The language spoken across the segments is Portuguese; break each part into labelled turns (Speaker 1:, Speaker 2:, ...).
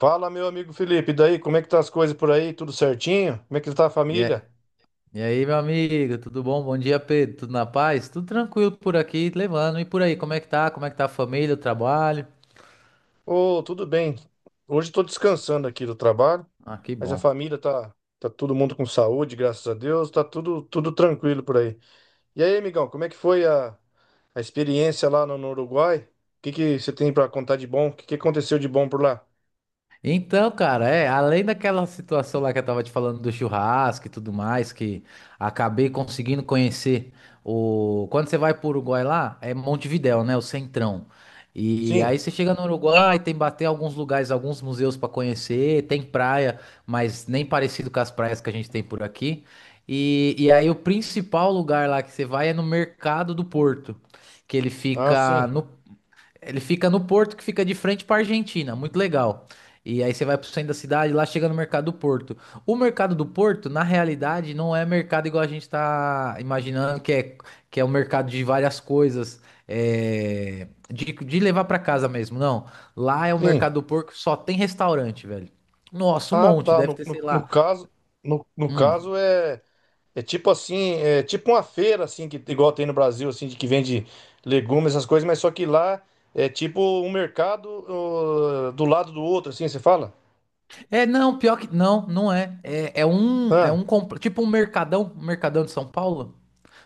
Speaker 1: Fala, meu amigo Felipe, e daí, como é que tá as coisas por aí? Tudo certinho? Como é que tá a
Speaker 2: E aí,
Speaker 1: família?
Speaker 2: meu amigo, tudo bom? Bom dia, Pedro. Tudo na paz? Tudo tranquilo por aqui, levando. E por aí, como é que tá? Como é que tá a família, o trabalho?
Speaker 1: Ô, tudo bem. Hoje estou descansando aqui do trabalho,
Speaker 2: Ah, que
Speaker 1: mas a
Speaker 2: bom.
Speaker 1: família tá todo mundo com saúde, graças a Deus, tá tudo tranquilo por aí. E aí, amigão, como é que foi a experiência lá no Uruguai? O que que você tem para contar de bom? O que que aconteceu de bom por lá?
Speaker 2: Então, cara, é, além daquela situação lá que eu tava te falando do churrasco e tudo mais, que acabei conseguindo conhecer o. Quando você vai pro Uruguai lá, é Montevidéu, né? O centrão. E aí
Speaker 1: Sim.
Speaker 2: você chega no Uruguai, tem bater alguns lugares, alguns museus pra conhecer, tem praia, mas nem parecido com as praias que a gente tem por aqui. E aí o principal lugar lá que você vai é no Mercado do Porto, que ele
Speaker 1: Ah,
Speaker 2: fica
Speaker 1: sim.
Speaker 2: no ele fica no porto que fica de frente para Argentina, muito legal. E aí você vai pro centro da cidade, lá chega no Mercado do Porto. O Mercado do Porto, na realidade, não é mercado igual a gente tá imaginando, que é um mercado de várias coisas, de levar para casa mesmo, não. Lá é o
Speaker 1: Sim.
Speaker 2: Mercado do Porto, só tem restaurante, velho. Nossa, um
Speaker 1: Ah,
Speaker 2: monte,
Speaker 1: tá.
Speaker 2: deve
Speaker 1: No,
Speaker 2: ter, sei
Speaker 1: no, no
Speaker 2: lá,
Speaker 1: caso, no, no caso é tipo assim, é tipo uma feira assim que igual tem no Brasil assim de que vende legumes essas coisas, mas só que lá é tipo um mercado ô, do lado do outro assim, você fala?
Speaker 2: É, não, pior que. Não, não é.
Speaker 1: Ah,
Speaker 2: Tipo um mercadão. Um mercadão de São Paulo.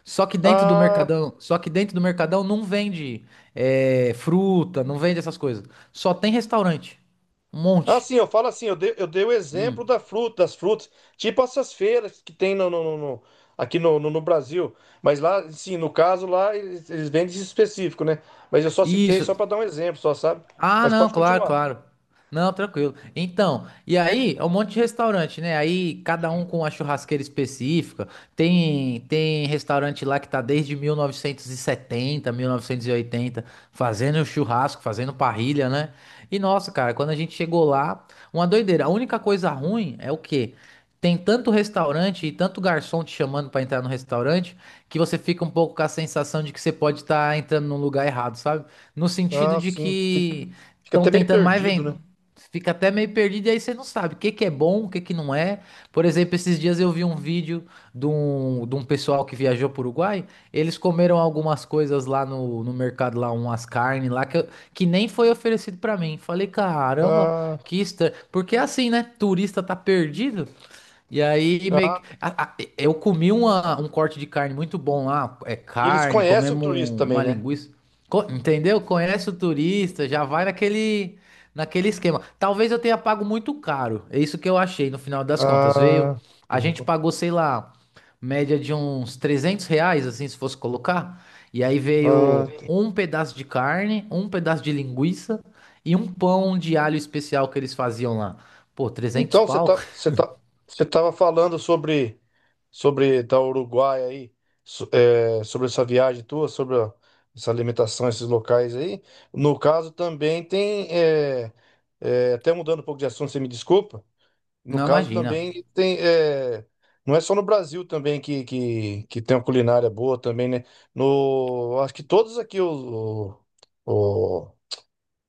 Speaker 1: ah,
Speaker 2: Só que dentro do mercadão não vende fruta, não vende essas coisas. Só tem restaurante. Um
Speaker 1: ah,
Speaker 2: monte.
Speaker 1: sim, eu falo assim, eu dei o exemplo
Speaker 2: Hum.
Speaker 1: da fruta, das frutas, tipo essas feiras que tem aqui no Brasil, mas lá, sim, no caso lá eles vendem esse específico, né? Mas eu só citei só
Speaker 2: Isso.
Speaker 1: para dar um exemplo, só sabe?
Speaker 2: Ah,
Speaker 1: Mas
Speaker 2: não,
Speaker 1: pode
Speaker 2: claro,
Speaker 1: continuar.
Speaker 2: claro. Não, tranquilo. Então, e aí é um monte de restaurante, né? Aí cada um com a churrasqueira específica. Tem restaurante lá que tá desde 1970, 1980 fazendo churrasco, fazendo parrilha, né? E nossa, cara, quando a gente chegou lá, uma doideira. A única coisa ruim é o quê? Tem tanto restaurante e tanto garçom te chamando pra entrar no restaurante que você fica um pouco com a sensação de que você pode estar entrando num lugar errado, sabe? No sentido
Speaker 1: Ah,
Speaker 2: de
Speaker 1: sim, fica,
Speaker 2: que
Speaker 1: fica
Speaker 2: estão
Speaker 1: até meio
Speaker 2: tentando mais
Speaker 1: perdido,
Speaker 2: vender.
Speaker 1: né?
Speaker 2: Fica até meio perdido e aí você não sabe o que que é bom, o que que não é. Por exemplo, esses dias eu vi um vídeo de um pessoal que viajou para o Uruguai. Eles comeram algumas coisas lá no mercado, lá umas carnes lá que, que nem foi oferecido para mim. Falei, caramba,
Speaker 1: Ah,
Speaker 2: que estranho. Porque é assim, né? Turista tá perdido. E aí, meio que-
Speaker 1: ah,
Speaker 2: a- eu comi um corte de carne muito bom lá. É
Speaker 1: e eles
Speaker 2: carne,
Speaker 1: conhecem o
Speaker 2: comemos
Speaker 1: turista também,
Speaker 2: uma
Speaker 1: né?
Speaker 2: linguiça. Entendeu? Conhece o turista, já vai naquele esquema. Talvez eu tenha pago muito caro. É isso que eu achei no final das contas. Veio,
Speaker 1: Ah,
Speaker 2: a gente pagou, sei lá, média de uns R$ 300, assim, se fosse colocar. E aí
Speaker 1: ah,
Speaker 2: veio um pedaço de carne, um pedaço de linguiça e um pão de alho especial que eles faziam lá. Pô, 300
Speaker 1: então você
Speaker 2: pau?
Speaker 1: tá, você tá, você tava falando sobre da Uruguai aí, sobre essa viagem tua, essa alimentação, esses locais aí. No caso também tem até mudando um pouco de assunto, você me desculpa. No
Speaker 2: Não
Speaker 1: caso
Speaker 2: imagina.
Speaker 1: também tem, não é só no Brasil também que tem uma culinária boa também, né? No acho que todos aqui o,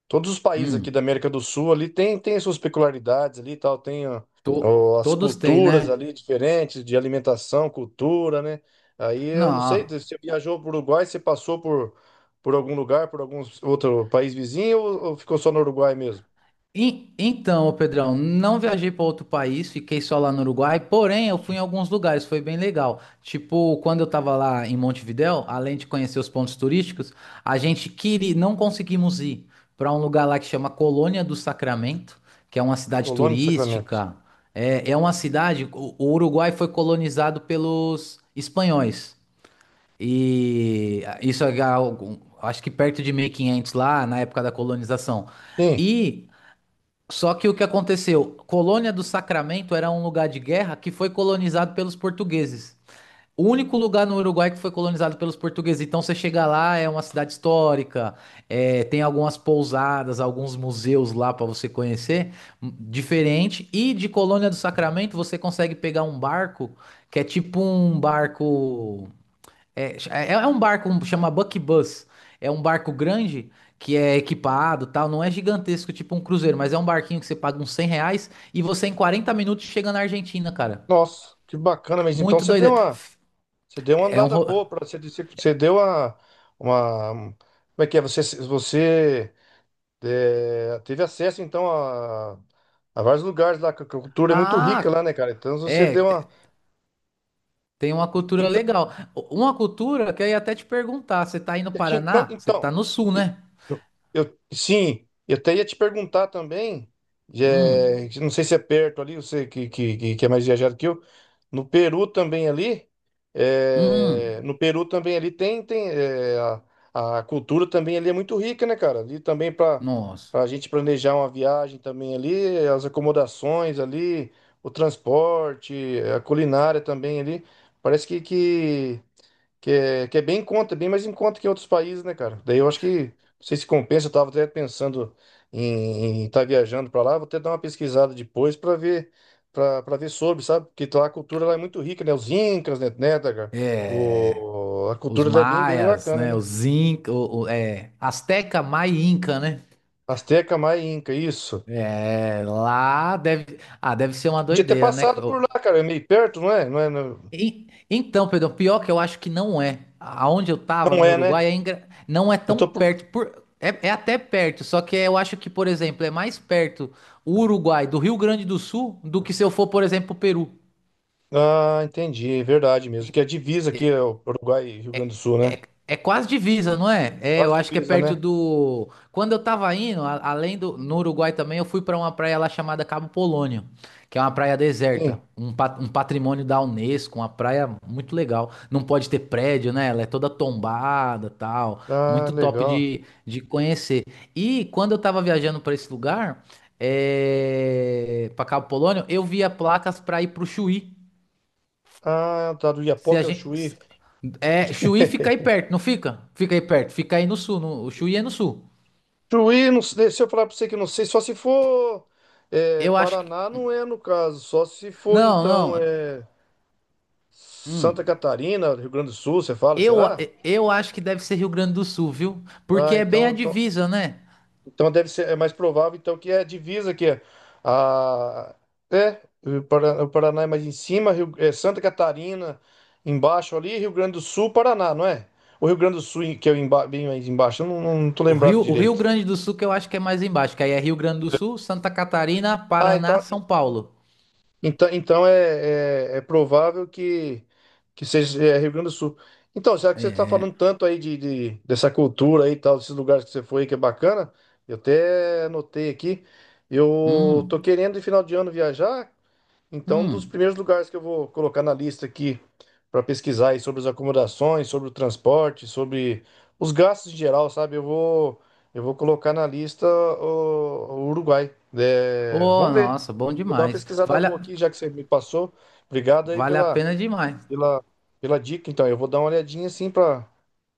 Speaker 1: Todos os países aqui da
Speaker 2: Hum,
Speaker 1: América do Sul ali tem suas peculiaridades ali e tal, tem ó, ó, as
Speaker 2: Todos têm,
Speaker 1: culturas
Speaker 2: né?
Speaker 1: ali diferentes de alimentação, cultura, né? Aí eu não sei,
Speaker 2: Não.
Speaker 1: você viajou para o Uruguai, você passou por algum lugar, por algum outro país vizinho ou ficou só no Uruguai mesmo?
Speaker 2: Então, ô Pedrão, não viajei para outro país, fiquei só lá no Uruguai, porém eu fui em alguns lugares, foi bem legal. Tipo, quando eu tava lá em Montevidéu, além de conhecer os pontos turísticos, a gente queria, não conseguimos ir para um lugar lá que chama Colônia do Sacramento, que é uma cidade
Speaker 1: Colônia de Sacramento.
Speaker 2: turística. É, é uma cidade, o Uruguai foi colonizado pelos espanhóis. E isso é algo, acho que perto de 1500 lá, na época da colonização.
Speaker 1: Sim.
Speaker 2: E só que o que aconteceu? Colônia do Sacramento era um lugar de guerra que foi colonizado pelos portugueses. O único lugar no Uruguai que foi colonizado pelos portugueses. Então você chega lá, é uma cidade histórica, é, tem algumas pousadas, alguns museus lá para você conhecer, diferente. E de Colônia do Sacramento você consegue pegar um barco que é tipo um barco. Chama Buck Bus. É um barco grande que é equipado, tal. Não é gigantesco, tipo um cruzeiro, mas é um barquinho que você paga uns R$ 100 e você em 40 minutos chega na Argentina, cara.
Speaker 1: Nossa, que bacana, mas então
Speaker 2: Muito
Speaker 1: você deu
Speaker 2: doido.
Speaker 1: uma, você deu uma
Speaker 2: É é um.
Speaker 1: andada
Speaker 2: ro-
Speaker 1: boa para você, como é que é? Você teve acesso, então, a vários lugares lá, que a cultura é muito rica lá,
Speaker 2: Ah,
Speaker 1: né, cara? Então, se você
Speaker 2: é.
Speaker 1: deu uma.
Speaker 2: Tem uma cultura legal. Uma cultura que eu ia até te perguntar. Você tá aí no
Speaker 1: Não,
Speaker 2: Paraná? Você
Speaker 1: então,
Speaker 2: tá no sul,
Speaker 1: e-
Speaker 2: né?
Speaker 1: eu, sim, eu até ia te perguntar também,
Speaker 2: Hum,
Speaker 1: não sei se é perto ali, você que é mais viajado que eu, no Peru também ali, é,
Speaker 2: hum.
Speaker 1: no Peru também ali tem a cultura também ali é muito rica, né, cara? Ali também para
Speaker 2: Nossa.
Speaker 1: a gente planejar uma viagem também ali, as acomodações ali, o transporte, a culinária também ali, parece que é bem em conta, bem mais em conta que em outros países, né, cara? Daí eu acho que, não sei se compensa, eu tava até pensando em estar viajando pra lá, vou até dar uma pesquisada depois pra ver, pra ver sobre, sabe? Porque lá a cultura lá é muito rica, né? Os incas, né, tá, cara?
Speaker 2: É.
Speaker 1: A
Speaker 2: Os
Speaker 1: cultura lá é bem, bem, bem
Speaker 2: maias,
Speaker 1: bacana,
Speaker 2: né?
Speaker 1: né?
Speaker 2: Os Inca, Azteca, Maia e Inca, né?
Speaker 1: Azteca, Maia, e Inca, isso.
Speaker 2: É, lá deve. Ah, deve ser uma
Speaker 1: Podia ter
Speaker 2: doideira, né?
Speaker 1: passado por lá, cara, é meio perto, não é? Não é, não
Speaker 2: Então, Pedro, pior que eu acho que não é. Aonde eu tava,
Speaker 1: não
Speaker 2: no
Speaker 1: é, né?
Speaker 2: Uruguai, não é
Speaker 1: Eu
Speaker 2: tão
Speaker 1: tô por.
Speaker 2: perto. É, é até perto, só que eu acho que, por exemplo, é mais perto o Uruguai do Rio Grande do Sul do que se eu for, por exemplo, pro Peru.
Speaker 1: Ah, entendi, é verdade mesmo, que é a divisa aqui, é o Uruguai e Rio Grande do Sul,
Speaker 2: É,
Speaker 1: né?
Speaker 2: é quase divisa, não é? É, eu
Speaker 1: Quase
Speaker 2: acho que é
Speaker 1: divisa,
Speaker 2: perto
Speaker 1: né?
Speaker 2: do. Quando eu tava indo, além do. No Uruguai também, eu fui pra uma praia lá chamada Cabo Polônio, que é uma praia
Speaker 1: Sim.
Speaker 2: deserta, um patrimônio da Unesco, uma praia muito legal. Não pode ter prédio, né? Ela é toda tombada, tal.
Speaker 1: Ah,
Speaker 2: Muito top
Speaker 1: legal.
Speaker 2: de conhecer. E quando eu tava viajando pra esse lugar, pra Cabo Polônio, eu via placas pra ir pro Chuí.
Speaker 1: Ah, tá, do
Speaker 2: Se a
Speaker 1: Iapoque ao
Speaker 2: gente.
Speaker 1: Chuí.
Speaker 2: Se- É, Chuí fica aí perto, não fica? Fica aí perto, fica aí no sul. O Chuí é no sul.
Speaker 1: Chuí, não sei, se eu falar pra você que eu não sei, só se for
Speaker 2: Eu acho que.
Speaker 1: Paraná, não é no caso, só se for
Speaker 2: Não,
Speaker 1: então
Speaker 2: não. Hum.
Speaker 1: Santa Catarina, Rio Grande do Sul, você fala,
Speaker 2: Eu,
Speaker 1: será?
Speaker 2: eu acho que deve ser Rio Grande do Sul, viu? Porque
Speaker 1: Ah,
Speaker 2: é bem
Speaker 1: então,
Speaker 2: a
Speaker 1: então,
Speaker 2: divisa, né?
Speaker 1: então deve ser, é mais provável então que é a divisa que é a é o Para- o Paraná é mais em cima, Santa Catarina embaixo ali, Rio Grande do Sul, Paraná, não é? O Rio Grande do Sul que é bem mais embaixo, eu não tô
Speaker 2: O
Speaker 1: lembrado
Speaker 2: Rio, o Rio
Speaker 1: direito.
Speaker 2: Grande do Sul que eu acho que é mais embaixo, que aí é Rio Grande do Sul, Santa Catarina,
Speaker 1: Ah,
Speaker 2: Paraná,
Speaker 1: então,
Speaker 2: São Paulo.
Speaker 1: então, então é provável que seja Rio Grande do Sul. Então, já que você está
Speaker 2: É.
Speaker 1: falando tanto aí de, dessa cultura aí e tal, desses lugares que você foi que é bacana, eu até anotei aqui. Eu tô
Speaker 2: Hum,
Speaker 1: querendo, de final de ano, viajar. Então, um dos
Speaker 2: hum.
Speaker 1: primeiros lugares que eu vou colocar na lista aqui para pesquisar aí sobre as acomodações, sobre o transporte, sobre os gastos em geral, sabe? Eu vou colocar na lista o Uruguai. É,
Speaker 2: Oh,
Speaker 1: vamos ver.
Speaker 2: nossa, bom
Speaker 1: Vou dar uma
Speaker 2: demais.
Speaker 1: pesquisada
Speaker 2: Vale
Speaker 1: boa
Speaker 2: a,
Speaker 1: aqui, já que você me passou. Obrigado aí
Speaker 2: vale a pena demais.
Speaker 1: pela, pela dica. Então, eu vou dar uma olhadinha assim para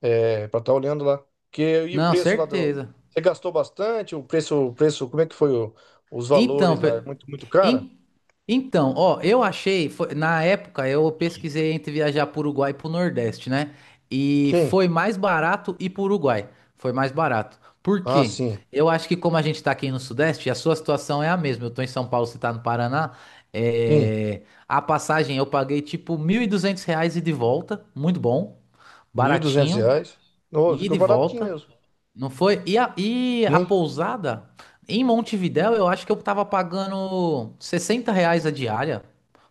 Speaker 1: é, para estar olhando lá. Que, e o
Speaker 2: Não,
Speaker 1: preço lá do.
Speaker 2: certeza.
Speaker 1: Você gastou bastante? O preço, como é que foi os
Speaker 2: Então,
Speaker 1: valores lá? É muito, muito caro?
Speaker 2: en- então, ó, eu achei, na época eu pesquisei entre viajar para Uruguai e para o Nordeste, né? E
Speaker 1: Sim.
Speaker 2: foi mais barato ir para Uruguai. Foi mais barato. Por
Speaker 1: Ah,
Speaker 2: quê?
Speaker 1: sim.
Speaker 2: Eu acho que como a gente está aqui no Sudeste, a sua situação é a mesma. Eu tô em São Paulo, você tá no Paraná.
Speaker 1: Sim.
Speaker 2: A passagem eu paguei tipo R$ 1.200 e de volta, muito bom,
Speaker 1: mil e duzentos
Speaker 2: baratinho,
Speaker 1: reais. Ô,
Speaker 2: e
Speaker 1: ficou
Speaker 2: de
Speaker 1: baratinho
Speaker 2: volta.
Speaker 1: mesmo.
Speaker 2: Não foi? E a
Speaker 1: Sim.
Speaker 2: pousada em Montevidéu, eu acho que eu tava pagando R$ 60 a diária.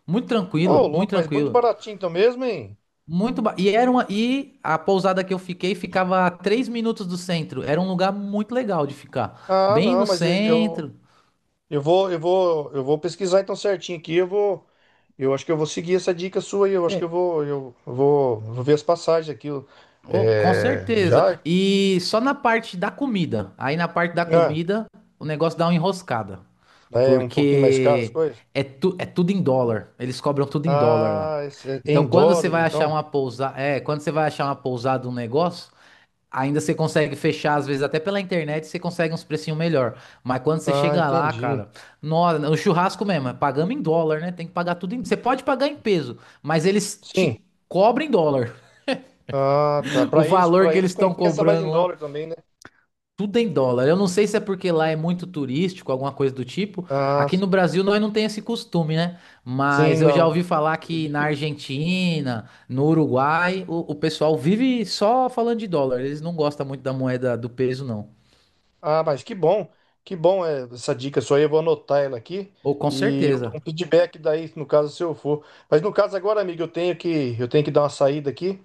Speaker 2: Muito
Speaker 1: Ô,
Speaker 2: tranquilo, muito
Speaker 1: louco, mas muito
Speaker 2: tranquilo.
Speaker 1: baratinho então mesmo, hein?
Speaker 2: E era e a pousada que eu fiquei ficava a 3 minutos do centro. Era um lugar muito legal de ficar.
Speaker 1: Ah,
Speaker 2: Bem
Speaker 1: não,
Speaker 2: no
Speaker 1: mas eu, eu
Speaker 2: centro.
Speaker 1: eu vou, eu vou, eu vou pesquisar então certinho aqui. Eu acho que eu vou seguir essa dica sua aí. Eu acho que eu
Speaker 2: É,
Speaker 1: vou, eu vou, vou ver as passagens aqui.
Speaker 2: oh, com
Speaker 1: É,
Speaker 2: certeza.
Speaker 1: já?
Speaker 2: E só na parte da comida. Aí na parte da
Speaker 1: Ah,
Speaker 2: comida, o negócio dá uma enroscada.
Speaker 1: é um pouquinho mais caro as
Speaker 2: Porque
Speaker 1: coisas?
Speaker 2: é tudo em dólar. Eles cobram tudo em dólar lá.
Speaker 1: Ah, esse é
Speaker 2: Então,
Speaker 1: em
Speaker 2: quando você
Speaker 1: dólar
Speaker 2: vai achar
Speaker 1: então?
Speaker 2: uma pousada, um negócio, ainda você consegue fechar, às vezes até pela internet, você consegue uns precinhos melhor. Mas quando você
Speaker 1: Ah,
Speaker 2: chega lá,
Speaker 1: entendi.
Speaker 2: cara, nossa, o churrasco mesmo, é pagamos em dólar, né? Tem que pagar tudo em, você pode pagar em peso, mas eles
Speaker 1: Sim.
Speaker 2: te cobram em dólar.
Speaker 1: Ah, tá.
Speaker 2: O
Speaker 1: Para eles,
Speaker 2: valor
Speaker 1: para
Speaker 2: que
Speaker 1: eles
Speaker 2: eles estão
Speaker 1: compensa mais em
Speaker 2: cobrando lá.
Speaker 1: dólar também, né?
Speaker 2: Tudo em dólar. Eu não sei se é porque lá é muito turístico, alguma coisa do tipo.
Speaker 1: Ah,
Speaker 2: Aqui no Brasil nós não tem esse costume, né?
Speaker 1: sim,
Speaker 2: Mas eu já
Speaker 1: não.
Speaker 2: ouvi falar
Speaker 1: É
Speaker 2: que na
Speaker 1: difícil.
Speaker 2: Argentina, no Uruguai, o pessoal vive só falando de dólar. Eles não gostam muito da moeda do peso, não.
Speaker 1: Ah, mas que bom essa dica sua aí, eu vou anotar ela aqui
Speaker 2: Ou com
Speaker 1: e eu dou
Speaker 2: certeza.
Speaker 1: um feedback daí, no caso, se eu for. Mas no caso agora, amigo, eu tenho que dar uma saída aqui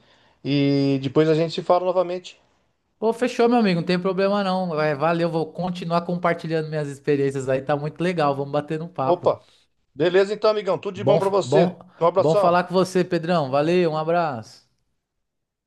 Speaker 1: e depois a gente se fala novamente.
Speaker 2: Ô, fechou, meu amigo. Não tem problema não. É, valeu, vou continuar compartilhando minhas experiências aí. Tá muito legal. Vamos bater um papo.
Speaker 1: Opa, beleza então, amigão, tudo de bom
Speaker 2: Bom,
Speaker 1: pra você.
Speaker 2: bom,
Speaker 1: Um
Speaker 2: bom
Speaker 1: abração.
Speaker 2: falar com você, Pedrão. Valeu, um abraço.